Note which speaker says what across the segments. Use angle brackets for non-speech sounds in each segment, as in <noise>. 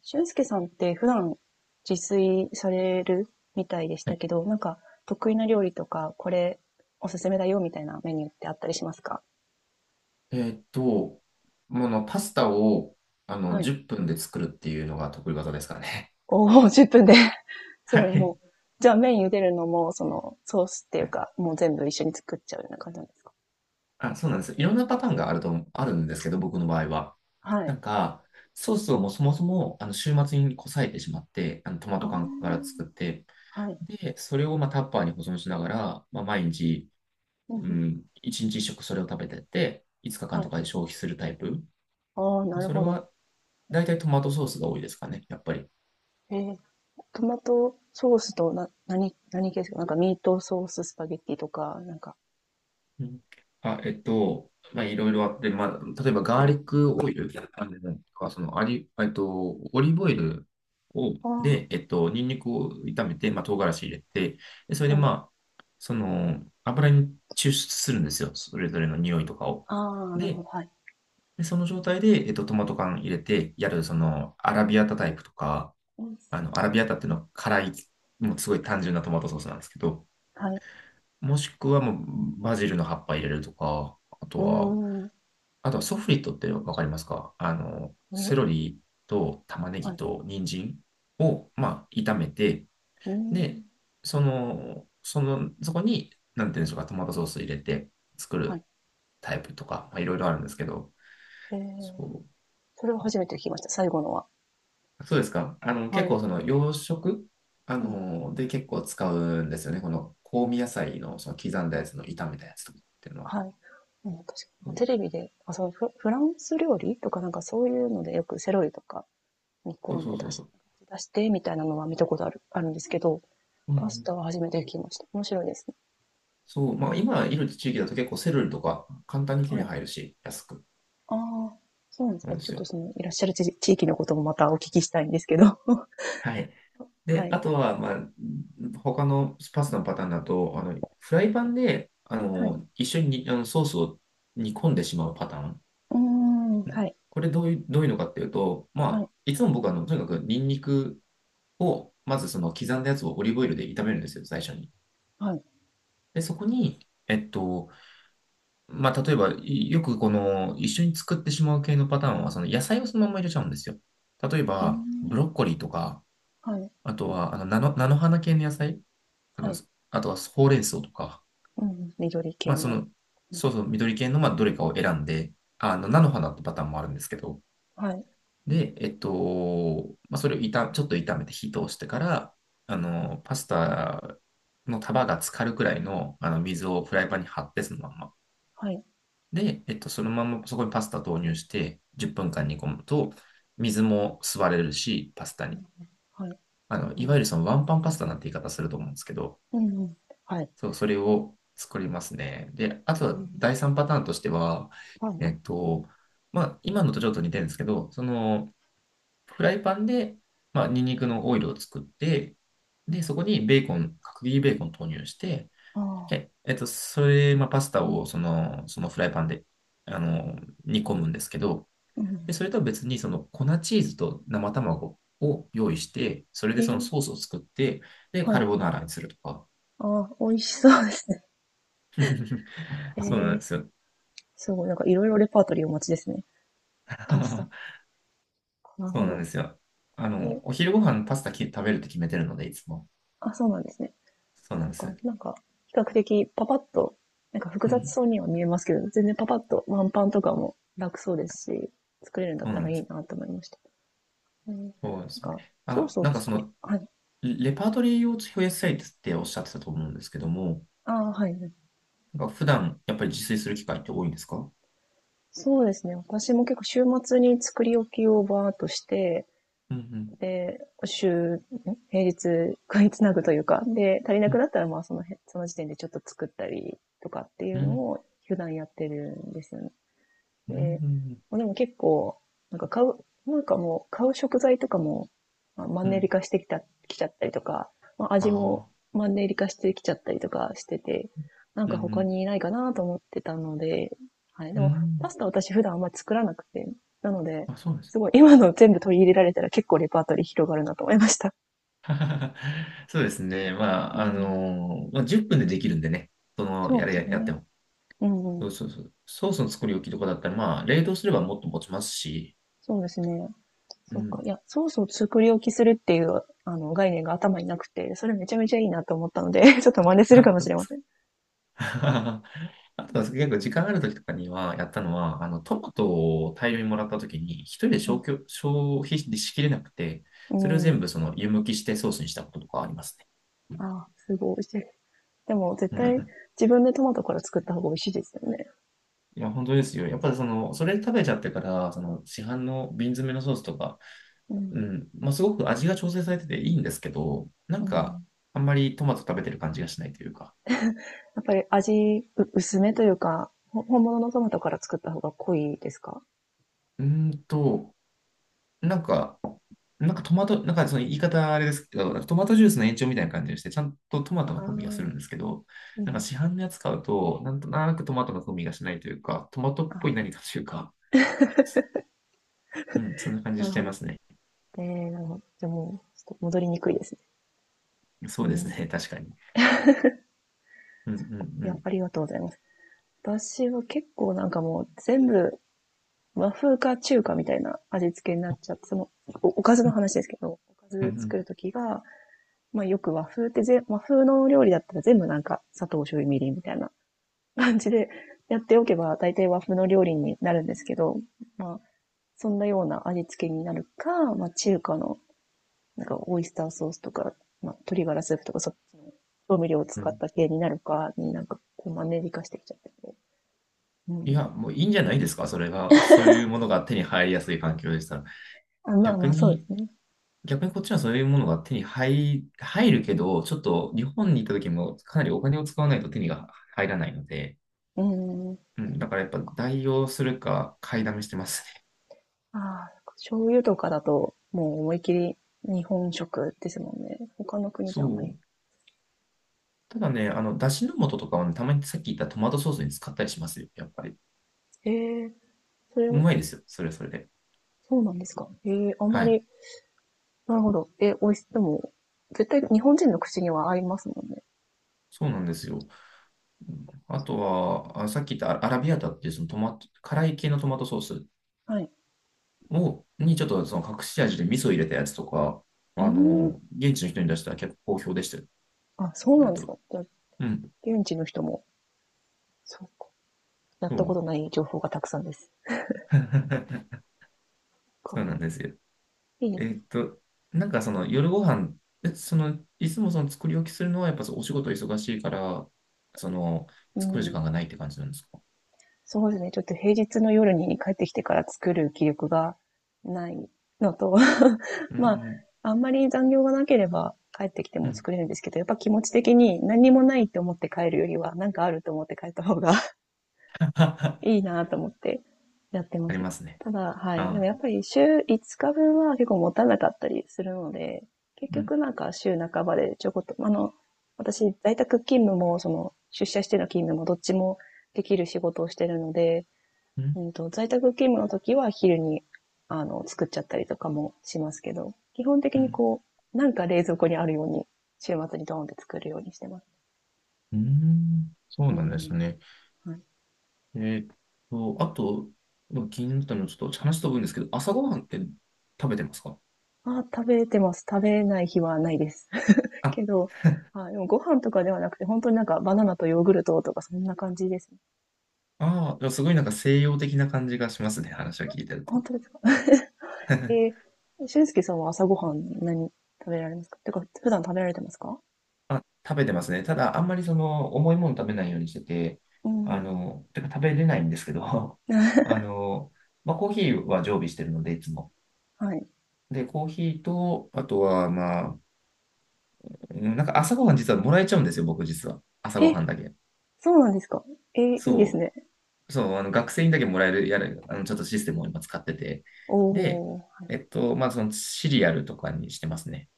Speaker 1: 俊介さんって普段自炊されるみたいでし
Speaker 2: は
Speaker 1: た
Speaker 2: い。
Speaker 1: けど、なんか得意な料理とか、これおすすめだよみたいなメニューってあったりしますか？
Speaker 2: えーっと、もの、パスタを、
Speaker 1: はい。
Speaker 2: 10分で作るっていうのが得意技ですからね。
Speaker 1: おー、10分で <laughs> す
Speaker 2: <laughs>
Speaker 1: ごい <laughs>
Speaker 2: はい。
Speaker 1: もう、じゃあ麺茹でるのも、そのソースってい
Speaker 2: は
Speaker 1: う
Speaker 2: い。
Speaker 1: か、もう全部一緒に作っちゃうような感じなんですか？
Speaker 2: あ、そうなんです。いろんなパターンがあると、あるんですけど、僕の場合は。
Speaker 1: は
Speaker 2: な
Speaker 1: い。
Speaker 2: んか、ソースをもうそもそも、週末にこさえてしまって、トマ
Speaker 1: あ
Speaker 2: ト缶から作っ
Speaker 1: あ、
Speaker 2: て、
Speaker 1: はい。
Speaker 2: で、それを、まあ、タッパーに保存しながら、まあ、毎日、
Speaker 1: うんう
Speaker 2: う
Speaker 1: んうん、
Speaker 2: ん、1日1食それを食べてって、5日間
Speaker 1: は
Speaker 2: と
Speaker 1: い。
Speaker 2: かで消費するタイプ。
Speaker 1: ああ、なる
Speaker 2: それ
Speaker 1: ほど。
Speaker 2: は、大体トマトソースが多いですかね、やっぱり。
Speaker 1: えー、トマトソースとな、何系ですか？なんかミートソーススパゲッティとか、なんか。
Speaker 2: うん。あ、まあ、いろいろあって、まあ、例えばガー
Speaker 1: え、
Speaker 2: リックオイル、あれなんか、その、あり、えっと、オリーブオイルを、
Speaker 1: あ
Speaker 2: で、ニンニクを炒めて、まあ、唐辛子入れて、で、それ
Speaker 1: あ、
Speaker 2: で、
Speaker 1: はい。
Speaker 2: まあ、油に抽出するんですよ。それぞれの匂いとかを。
Speaker 1: ああ、なるほ
Speaker 2: で、
Speaker 1: ど。はい。
Speaker 2: でその状態で、トマト缶入れて、その、アラビアタタイプとか、ア
Speaker 1: そ
Speaker 2: ラビアタっていうのは辛い、もうすごい単純なトマトソースなんですけど、
Speaker 1: はい。
Speaker 2: もしくはもうバジルの葉っぱ入れるとか、あと
Speaker 1: う
Speaker 2: は、
Speaker 1: ーん。
Speaker 2: あとはソフリットってわかりますか？
Speaker 1: 見
Speaker 2: セ
Speaker 1: る。
Speaker 2: ロリと玉ね
Speaker 1: は
Speaker 2: ぎ
Speaker 1: い。
Speaker 2: と人参を、まあ、炒めて、
Speaker 1: うーん。
Speaker 2: で、そこに、なんていうんでしょうか、トマトソース入れて作
Speaker 1: は
Speaker 2: る
Speaker 1: い。
Speaker 2: タイプとか、まあ、いろいろあるんですけど、
Speaker 1: ええ、
Speaker 2: そ
Speaker 1: それは初めて聞きました。最後のは。
Speaker 2: そうですか？
Speaker 1: は
Speaker 2: 結
Speaker 1: い。
Speaker 2: 構その洋食、
Speaker 1: うん。
Speaker 2: で結構使うんですよね。この香味野菜のその刻んだやつの炒めたやつとかっていうのは。
Speaker 1: はい。うん、確かテレビで、あ、そう、フランス料理とかなんかそういうのでよくセロリとか煮
Speaker 2: そ
Speaker 1: 込
Speaker 2: う
Speaker 1: ん
Speaker 2: そ
Speaker 1: で
Speaker 2: うそうそう。
Speaker 1: 出してみたいなのは見たことあるんですけど、
Speaker 2: うんう
Speaker 1: パス
Speaker 2: ん。
Speaker 1: タは初めて聞きました。面白いですね。
Speaker 2: そう、
Speaker 1: え
Speaker 2: まあ今い
Speaker 1: え、
Speaker 2: る地域だと結構セルとか簡単に手
Speaker 1: は
Speaker 2: に
Speaker 1: い。
Speaker 2: 入るし、安く
Speaker 1: ああ、そうなんです
Speaker 2: な
Speaker 1: ね。
Speaker 2: んで
Speaker 1: ちょっ
Speaker 2: す
Speaker 1: と
Speaker 2: よ。
Speaker 1: その、いらっしゃる地域のこともまたお聞きしたいんですけど。
Speaker 2: はい。
Speaker 1: <laughs> は
Speaker 2: で、
Speaker 1: い。
Speaker 2: あとは、まあ、他のパスタのパターンだと、フライパンで、
Speaker 1: はい。
Speaker 2: 一緒に、ソースを煮込んでしまうパターン。
Speaker 1: うーん、
Speaker 2: う
Speaker 1: は
Speaker 2: ん。
Speaker 1: い、
Speaker 2: これどういうのかっていうと、
Speaker 1: は
Speaker 2: ま
Speaker 1: い、
Speaker 2: あ、いつも僕は、とにかくニンニクを、まずその刻んだやつをオリーブオイルで炒めるんですよ、最初に。
Speaker 1: はい。
Speaker 2: で、そこに、えっと、まあ、例えば、いよくこの、一緒に作ってしまう系のパターンは、その野菜をそのまま入れちゃうんですよ。例え
Speaker 1: うー
Speaker 2: ば、ブロッ
Speaker 1: ん、
Speaker 2: コリーとか、
Speaker 1: はい、
Speaker 2: あとは、菜の花系の野菜、あ
Speaker 1: は
Speaker 2: の、
Speaker 1: い。
Speaker 2: あとはほうれん草とか、
Speaker 1: うん、緑
Speaker 2: ま
Speaker 1: 系
Speaker 2: あ、そ
Speaker 1: の。
Speaker 2: の、
Speaker 1: うん、
Speaker 2: そうそう、緑系の、まあ、どれかを選んで、菜の花ってパターンもあるんですけど、
Speaker 1: はい、
Speaker 2: で、まあ、それを炒、ちょっと炒めて火通してから、パスタの束が浸かるくらいの、水をフライパンに張って、そのまんま。
Speaker 1: はい、
Speaker 2: で、そのままそこにパスタ投入して、10分間煮込むと、水も吸われるし、パスタ
Speaker 1: う
Speaker 2: に。
Speaker 1: ん、はい、う
Speaker 2: いわゆ
Speaker 1: ん、
Speaker 2: るそのワンパンパスタなんて言い方すると思うんですけど、
Speaker 1: うん、うん、はい、
Speaker 2: そう、それを作りますね。で、あと
Speaker 1: う
Speaker 2: は
Speaker 1: ん、
Speaker 2: 第三パターンとしては、
Speaker 1: はい、
Speaker 2: えっと、まあ、今のとちょっと似てるんですけど、その、フライパンで、まあ、ニンニクのオイルを作って、
Speaker 1: う
Speaker 2: で、そこにベーコン、角切りベーコン投入して、
Speaker 1: ああ、
Speaker 2: それ、まあ、パスタをそのフライパンで、あの、煮込むんですけど、
Speaker 1: う
Speaker 2: で、
Speaker 1: ん、
Speaker 2: それとは別に、その粉チーズと生卵を用意して、それ
Speaker 1: え
Speaker 2: でその
Speaker 1: ー、
Speaker 2: ソースを作って、で、
Speaker 1: は
Speaker 2: カ
Speaker 1: い、
Speaker 2: ルボナーラにするとか。
Speaker 1: ああ、美味しそうですね。え
Speaker 2: <laughs> そうなん
Speaker 1: ー、
Speaker 2: ですよ。
Speaker 1: すごい、なんかいろいろレパートリーお持ちですね。パスタ。
Speaker 2: <laughs>
Speaker 1: なる
Speaker 2: そ
Speaker 1: ほ
Speaker 2: うなんで
Speaker 1: ど。
Speaker 2: すよ。
Speaker 1: え、
Speaker 2: お昼ご
Speaker 1: はい。
Speaker 2: 飯パスタき食べるって決めてるので、いつも。
Speaker 1: あ、そうなんですね。
Speaker 2: そうなん
Speaker 1: そう
Speaker 2: で
Speaker 1: か、
Speaker 2: す。
Speaker 1: なんか、比較的パパッと、なんか複
Speaker 2: う
Speaker 1: 雑
Speaker 2: ん。
Speaker 1: そうには見えますけど、全然パパッとワンパンとかも楽そうですし、作れるんだっ
Speaker 2: そう
Speaker 1: た
Speaker 2: なん
Speaker 1: ら
Speaker 2: で
Speaker 1: いい
Speaker 2: す。
Speaker 1: なと思いました。うん、な
Speaker 2: そうで
Speaker 1: ん
Speaker 2: すね。
Speaker 1: か、ソー
Speaker 2: あ、
Speaker 1: スを
Speaker 2: なんかそ
Speaker 1: 作り、
Speaker 2: の、
Speaker 1: はい。
Speaker 2: レパートリーを増やしたいっておっしゃってたと思うんですけども、
Speaker 1: ああ、はい。
Speaker 2: なんか普段やっぱり自炊する機会って多いんですか？
Speaker 1: そうですね。私も結構週末に作り置きをバーっとして、
Speaker 2: うんうん。
Speaker 1: で、週、ん平日買いつなぐというか、で、足りな
Speaker 2: う
Speaker 1: く
Speaker 2: ん
Speaker 1: なったらまあその辺、その時点でちょっと作ったりとかってい
Speaker 2: う
Speaker 1: うの
Speaker 2: ん。
Speaker 1: を普段やってるんですよね。
Speaker 2: うん
Speaker 1: で、
Speaker 2: うん。
Speaker 1: まあ、でも結構、なんか買う、なんかもう買う食材とかも、まあ、マン
Speaker 2: う
Speaker 1: ネリ
Speaker 2: ん。
Speaker 1: 化してきた、きちゃったりとか、まあ、
Speaker 2: あ
Speaker 1: 味も
Speaker 2: あ。
Speaker 1: マンネリ化してきちゃったりとかしてて、なん
Speaker 2: うん
Speaker 1: か
Speaker 2: う
Speaker 1: 他
Speaker 2: ん。
Speaker 1: にないかなと思ってたので、はい。で
Speaker 2: う
Speaker 1: も、パ
Speaker 2: ん。
Speaker 1: スタ私普段あんまり作らなくて、なので、
Speaker 2: あ、そうなんです。
Speaker 1: すごい今の全部取り入れられたら結構レパートリー広がるなと思いました。
Speaker 2: <laughs> そうですね。ま
Speaker 1: う
Speaker 2: あ、あ
Speaker 1: ん。
Speaker 2: のーまあ、10分でできるんでね。その、
Speaker 1: そう
Speaker 2: や
Speaker 1: で
Speaker 2: れ、
Speaker 1: す
Speaker 2: ややって
Speaker 1: ね。
Speaker 2: も。
Speaker 1: うんう
Speaker 2: そう
Speaker 1: ん。
Speaker 2: そうそう。ソースの作り置きとかだったら、まあ、冷凍すればもっと持ちますし。
Speaker 1: そうですね。
Speaker 2: う
Speaker 1: そうか。
Speaker 2: ん。
Speaker 1: いや、ソースを作り置きするっていう、概念が頭になくて、それめちゃめちゃいいなと思ったので、<laughs> ちょっと真似
Speaker 2: <laughs>
Speaker 1: するか
Speaker 2: あ、
Speaker 1: も
Speaker 2: そう
Speaker 1: し
Speaker 2: で
Speaker 1: れま
Speaker 2: す
Speaker 1: せ
Speaker 2: か？
Speaker 1: ん。
Speaker 2: <laughs> あとは結構時間ある時とかにはやったのは、トマトを大量にもらった時に、一人で
Speaker 1: うん。
Speaker 2: 消費しきれなくて、
Speaker 1: う
Speaker 2: それを全
Speaker 1: ん。
Speaker 2: 部その湯むきしてソースにしたこととかありますね。
Speaker 1: あ、すごい美味しい。でも、絶対、
Speaker 2: <laughs>
Speaker 1: 自分でトマトから作った方が美味しいですよね。
Speaker 2: いや、本当ですよ。やっぱりその、それ食べちゃってから、その市販の瓶詰めのソースとか、
Speaker 1: う
Speaker 2: う
Speaker 1: ん。
Speaker 2: ん、まあ、すごく味が調整されてていいんですけど、なん
Speaker 1: う
Speaker 2: か、
Speaker 1: ん。
Speaker 2: あんまりトマト食べてる感じがしないというか。
Speaker 1: やっぱり味、薄めというか、本物のトマトから作った方が濃いですか？
Speaker 2: うーんと、なんか、なんかトマト、なんかその言い方あれですけど、なんかトマトジ
Speaker 1: う
Speaker 2: ュー
Speaker 1: ん。
Speaker 2: スの延長みたいな感じがして、ちゃんとトマト
Speaker 1: あ
Speaker 2: の
Speaker 1: あ、
Speaker 2: 風味がするん
Speaker 1: う
Speaker 2: ですけど、なんか
Speaker 1: ん。
Speaker 2: 市販のやつ買うと、なんとなくトマトの風味がしないというか、トマト
Speaker 1: あ
Speaker 2: っぽい
Speaker 1: ー、
Speaker 2: 何かというか、うん、そんな感じ
Speaker 1: な
Speaker 2: し
Speaker 1: る
Speaker 2: ちゃい
Speaker 1: ほ
Speaker 2: ま
Speaker 1: ど。
Speaker 2: すね。
Speaker 1: えー、なるほど。じゃあもう、ちょっと戻りにくいですね。
Speaker 2: そ
Speaker 1: う
Speaker 2: うです
Speaker 1: ん。
Speaker 2: ね、確かに。うんうん
Speaker 1: い
Speaker 2: う
Speaker 1: や、
Speaker 2: ん。
Speaker 1: ありがとうございます。私は結構なんかもう全部和風か中華みたいな味付けになっちゃって、その、おかず
Speaker 2: う
Speaker 1: の
Speaker 2: ん
Speaker 1: 話ですけど、おか
Speaker 2: うん
Speaker 1: ず
Speaker 2: う
Speaker 1: 作
Speaker 2: ん
Speaker 1: るときが、まあよく和風って和風の料理だったら全部なんか砂糖、醤油、みりんみたいな感じで <laughs> やっておけば大体和風の料理になるんですけど、まあそんなような味付けになるか、まあ中華のなんかオイスターソースとか、まあ鶏ガラスープとか調味料を
Speaker 2: う
Speaker 1: 使っ
Speaker 2: ん。
Speaker 1: た系になるかになんかこうマンネリ化してきちゃってて。う
Speaker 2: い
Speaker 1: ん。
Speaker 2: や、もういいんじゃないですか、それが。そういうものが手に入りやすい環境でしたら。
Speaker 1: あ、まあま
Speaker 2: 逆
Speaker 1: あそうで
Speaker 2: に、
Speaker 1: すね。
Speaker 2: 逆にこっちはそういうものが手に入、入るけど、ちょっと日本に行った時もかなりお金を使わないと手にが入らないので、
Speaker 1: うん。
Speaker 2: うん、だからやっぱ代用するか買いだめしてますね。
Speaker 1: ああ、醤油とかだと、もう思いっきり日本食ですもんね。他の国じゃあんまり。
Speaker 2: そう。ただね、だしの素とかはね、たまにさっき言ったトマトソースに使ったりしますよ、やっぱり。
Speaker 1: ええ、それ、
Speaker 2: うまいですよ、それはそれで。
Speaker 1: そうなんですか？ええ、あんま
Speaker 2: はい。
Speaker 1: り、なるほど。え、美味し、でも、絶対日本人の口には合いますもんね。
Speaker 2: そうなんですよ。うん。あとは、あ、さっき言ったアラビアータっていうそのトマト、辛い系のトマトソース
Speaker 1: はい。
Speaker 2: を、にちょっとその隠し味で味噌入れたやつとか、
Speaker 1: うーん。
Speaker 2: 現地の人に出したら結構好評でしたよ。
Speaker 1: あ、そうな
Speaker 2: 割
Speaker 1: んです
Speaker 2: と。
Speaker 1: か？じゃあ、
Speaker 2: うん。
Speaker 1: 現地の人も、そうか。やっ
Speaker 2: そ
Speaker 1: たこと
Speaker 2: う。
Speaker 1: ない情報がたくさんです。
Speaker 2: <laughs>
Speaker 1: か。
Speaker 2: そうなんですよ。
Speaker 1: いいです
Speaker 2: え
Speaker 1: ね。
Speaker 2: っと、なんかその夜ご飯、えその、いつもその作り置きするのはやっぱそうお仕事忙しいから、その、
Speaker 1: う
Speaker 2: 作る時
Speaker 1: ん。
Speaker 2: 間がないって感じなんですか？
Speaker 1: そうですね。ちょっと平日の夜に帰ってきてから作る気力がないのと、
Speaker 2: うんう
Speaker 1: まあ、
Speaker 2: ん
Speaker 1: あんまり残業がなければ帰ってきて
Speaker 2: う
Speaker 1: も
Speaker 2: ん。
Speaker 1: 作れるんですけど、やっぱ気持ち的に何もないって思って帰るよりは、なんかあると思って帰った方が <laughs> いい
Speaker 2: <laughs>
Speaker 1: なと思ってやってま
Speaker 2: あり
Speaker 1: すね。
Speaker 2: ますね。
Speaker 1: ただ、はい。でも
Speaker 2: あ
Speaker 1: や
Speaker 2: あ。
Speaker 1: っぱり週5日分は結構持たなかったりするので、結
Speaker 2: うん
Speaker 1: 局なんか週半ばでちょこっと、私、在宅勤務も、出社しての勤務もどっちもできる仕事をしてるので、
Speaker 2: うん
Speaker 1: 在宅勤務の時は昼に、作っちゃったりとかもしますけど、基本的
Speaker 2: う
Speaker 1: に
Speaker 2: ん。
Speaker 1: なんか冷蔵庫にあるように、週末にドーンって作るようにしてます。
Speaker 2: うん。そう
Speaker 1: う
Speaker 2: なんです
Speaker 1: ん。
Speaker 2: ね。
Speaker 1: はい。
Speaker 2: えーっあと、まあ気になったのはちょっと話飛ぶんですけど、朝ごはんって食べてますか
Speaker 1: あ、食べてます。食べない日はないです。<laughs>
Speaker 2: あ？
Speaker 1: けど、あ、でもご飯とかではなくて、本当になんかバナナとヨーグルトとかそんな感じですね。
Speaker 2: ああ、すごいなんか西洋的な感じがしますね、話を聞いてる
Speaker 1: 本
Speaker 2: と。
Speaker 1: 当ですか？え
Speaker 2: <laughs>
Speaker 1: ー、俊介さんは朝ごはん何食べられますか？てか、普段食べられてますか？
Speaker 2: あ、食べてますね。ただ、あんまりその、重いもの食べないようにしてて、
Speaker 1: うん。
Speaker 2: てか食べれないんですけど、<laughs>
Speaker 1: <laughs>
Speaker 2: あの、まあ、コーヒーは常備してるので、いつも。
Speaker 1: はい。
Speaker 2: で、コーヒーと、あとは、まあ、うん、なんか朝ごはん実はもらえちゃうんですよ、僕実は。朝ごは
Speaker 1: え、
Speaker 2: んだけ。
Speaker 1: そうなんですか？えー、いいです
Speaker 2: そ
Speaker 1: ね。
Speaker 2: う。そう、あの学生にだけもらえる、やる、あのちょっとシステムを今使ってて。で、
Speaker 1: おー。
Speaker 2: まあ、そのシリアルとかにしてますね。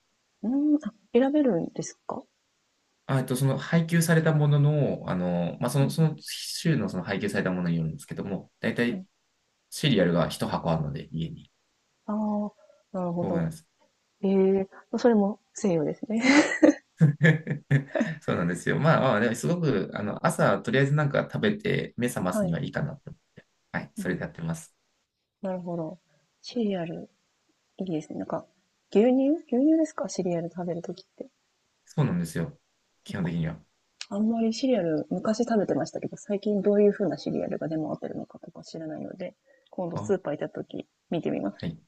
Speaker 1: うーん、あ、選べるんですか？
Speaker 2: あ、その配給されたものの、まあ、そ
Speaker 1: うん
Speaker 2: の、
Speaker 1: うん、
Speaker 2: その週のその配給されたものによるんですけども、だいた
Speaker 1: は
Speaker 2: い
Speaker 1: い。
Speaker 2: シリアルが一箱あるので、家に。
Speaker 1: ああ、なるほ
Speaker 2: そうな
Speaker 1: ど。
Speaker 2: んです。
Speaker 1: ええ、ま、それも西洋ですね。
Speaker 2: <laughs> そうなんですよ。まあ、まあ、でもすごく、朝、とりあえずなんか食べて、目覚
Speaker 1: <laughs>
Speaker 2: ます
Speaker 1: は
Speaker 2: に
Speaker 1: い。
Speaker 2: はいいかなって。はい、
Speaker 1: うん
Speaker 2: そ
Speaker 1: う
Speaker 2: れ
Speaker 1: ん、
Speaker 2: でやってます。
Speaker 1: なるほど。シリアル、いいですね。なんか、牛乳ですか？シリアル食べるときって。
Speaker 2: そうなんですよ。
Speaker 1: そ
Speaker 2: 基
Speaker 1: っ
Speaker 2: 本
Speaker 1: か。
Speaker 2: 的には。
Speaker 1: あんまりシリアル、昔食べてましたけど、最近どういう風なシリアルが出回ってるのかとか知らないので、今度
Speaker 2: あ、
Speaker 1: スーパー行った時見てみま
Speaker 2: は
Speaker 1: す。
Speaker 2: い。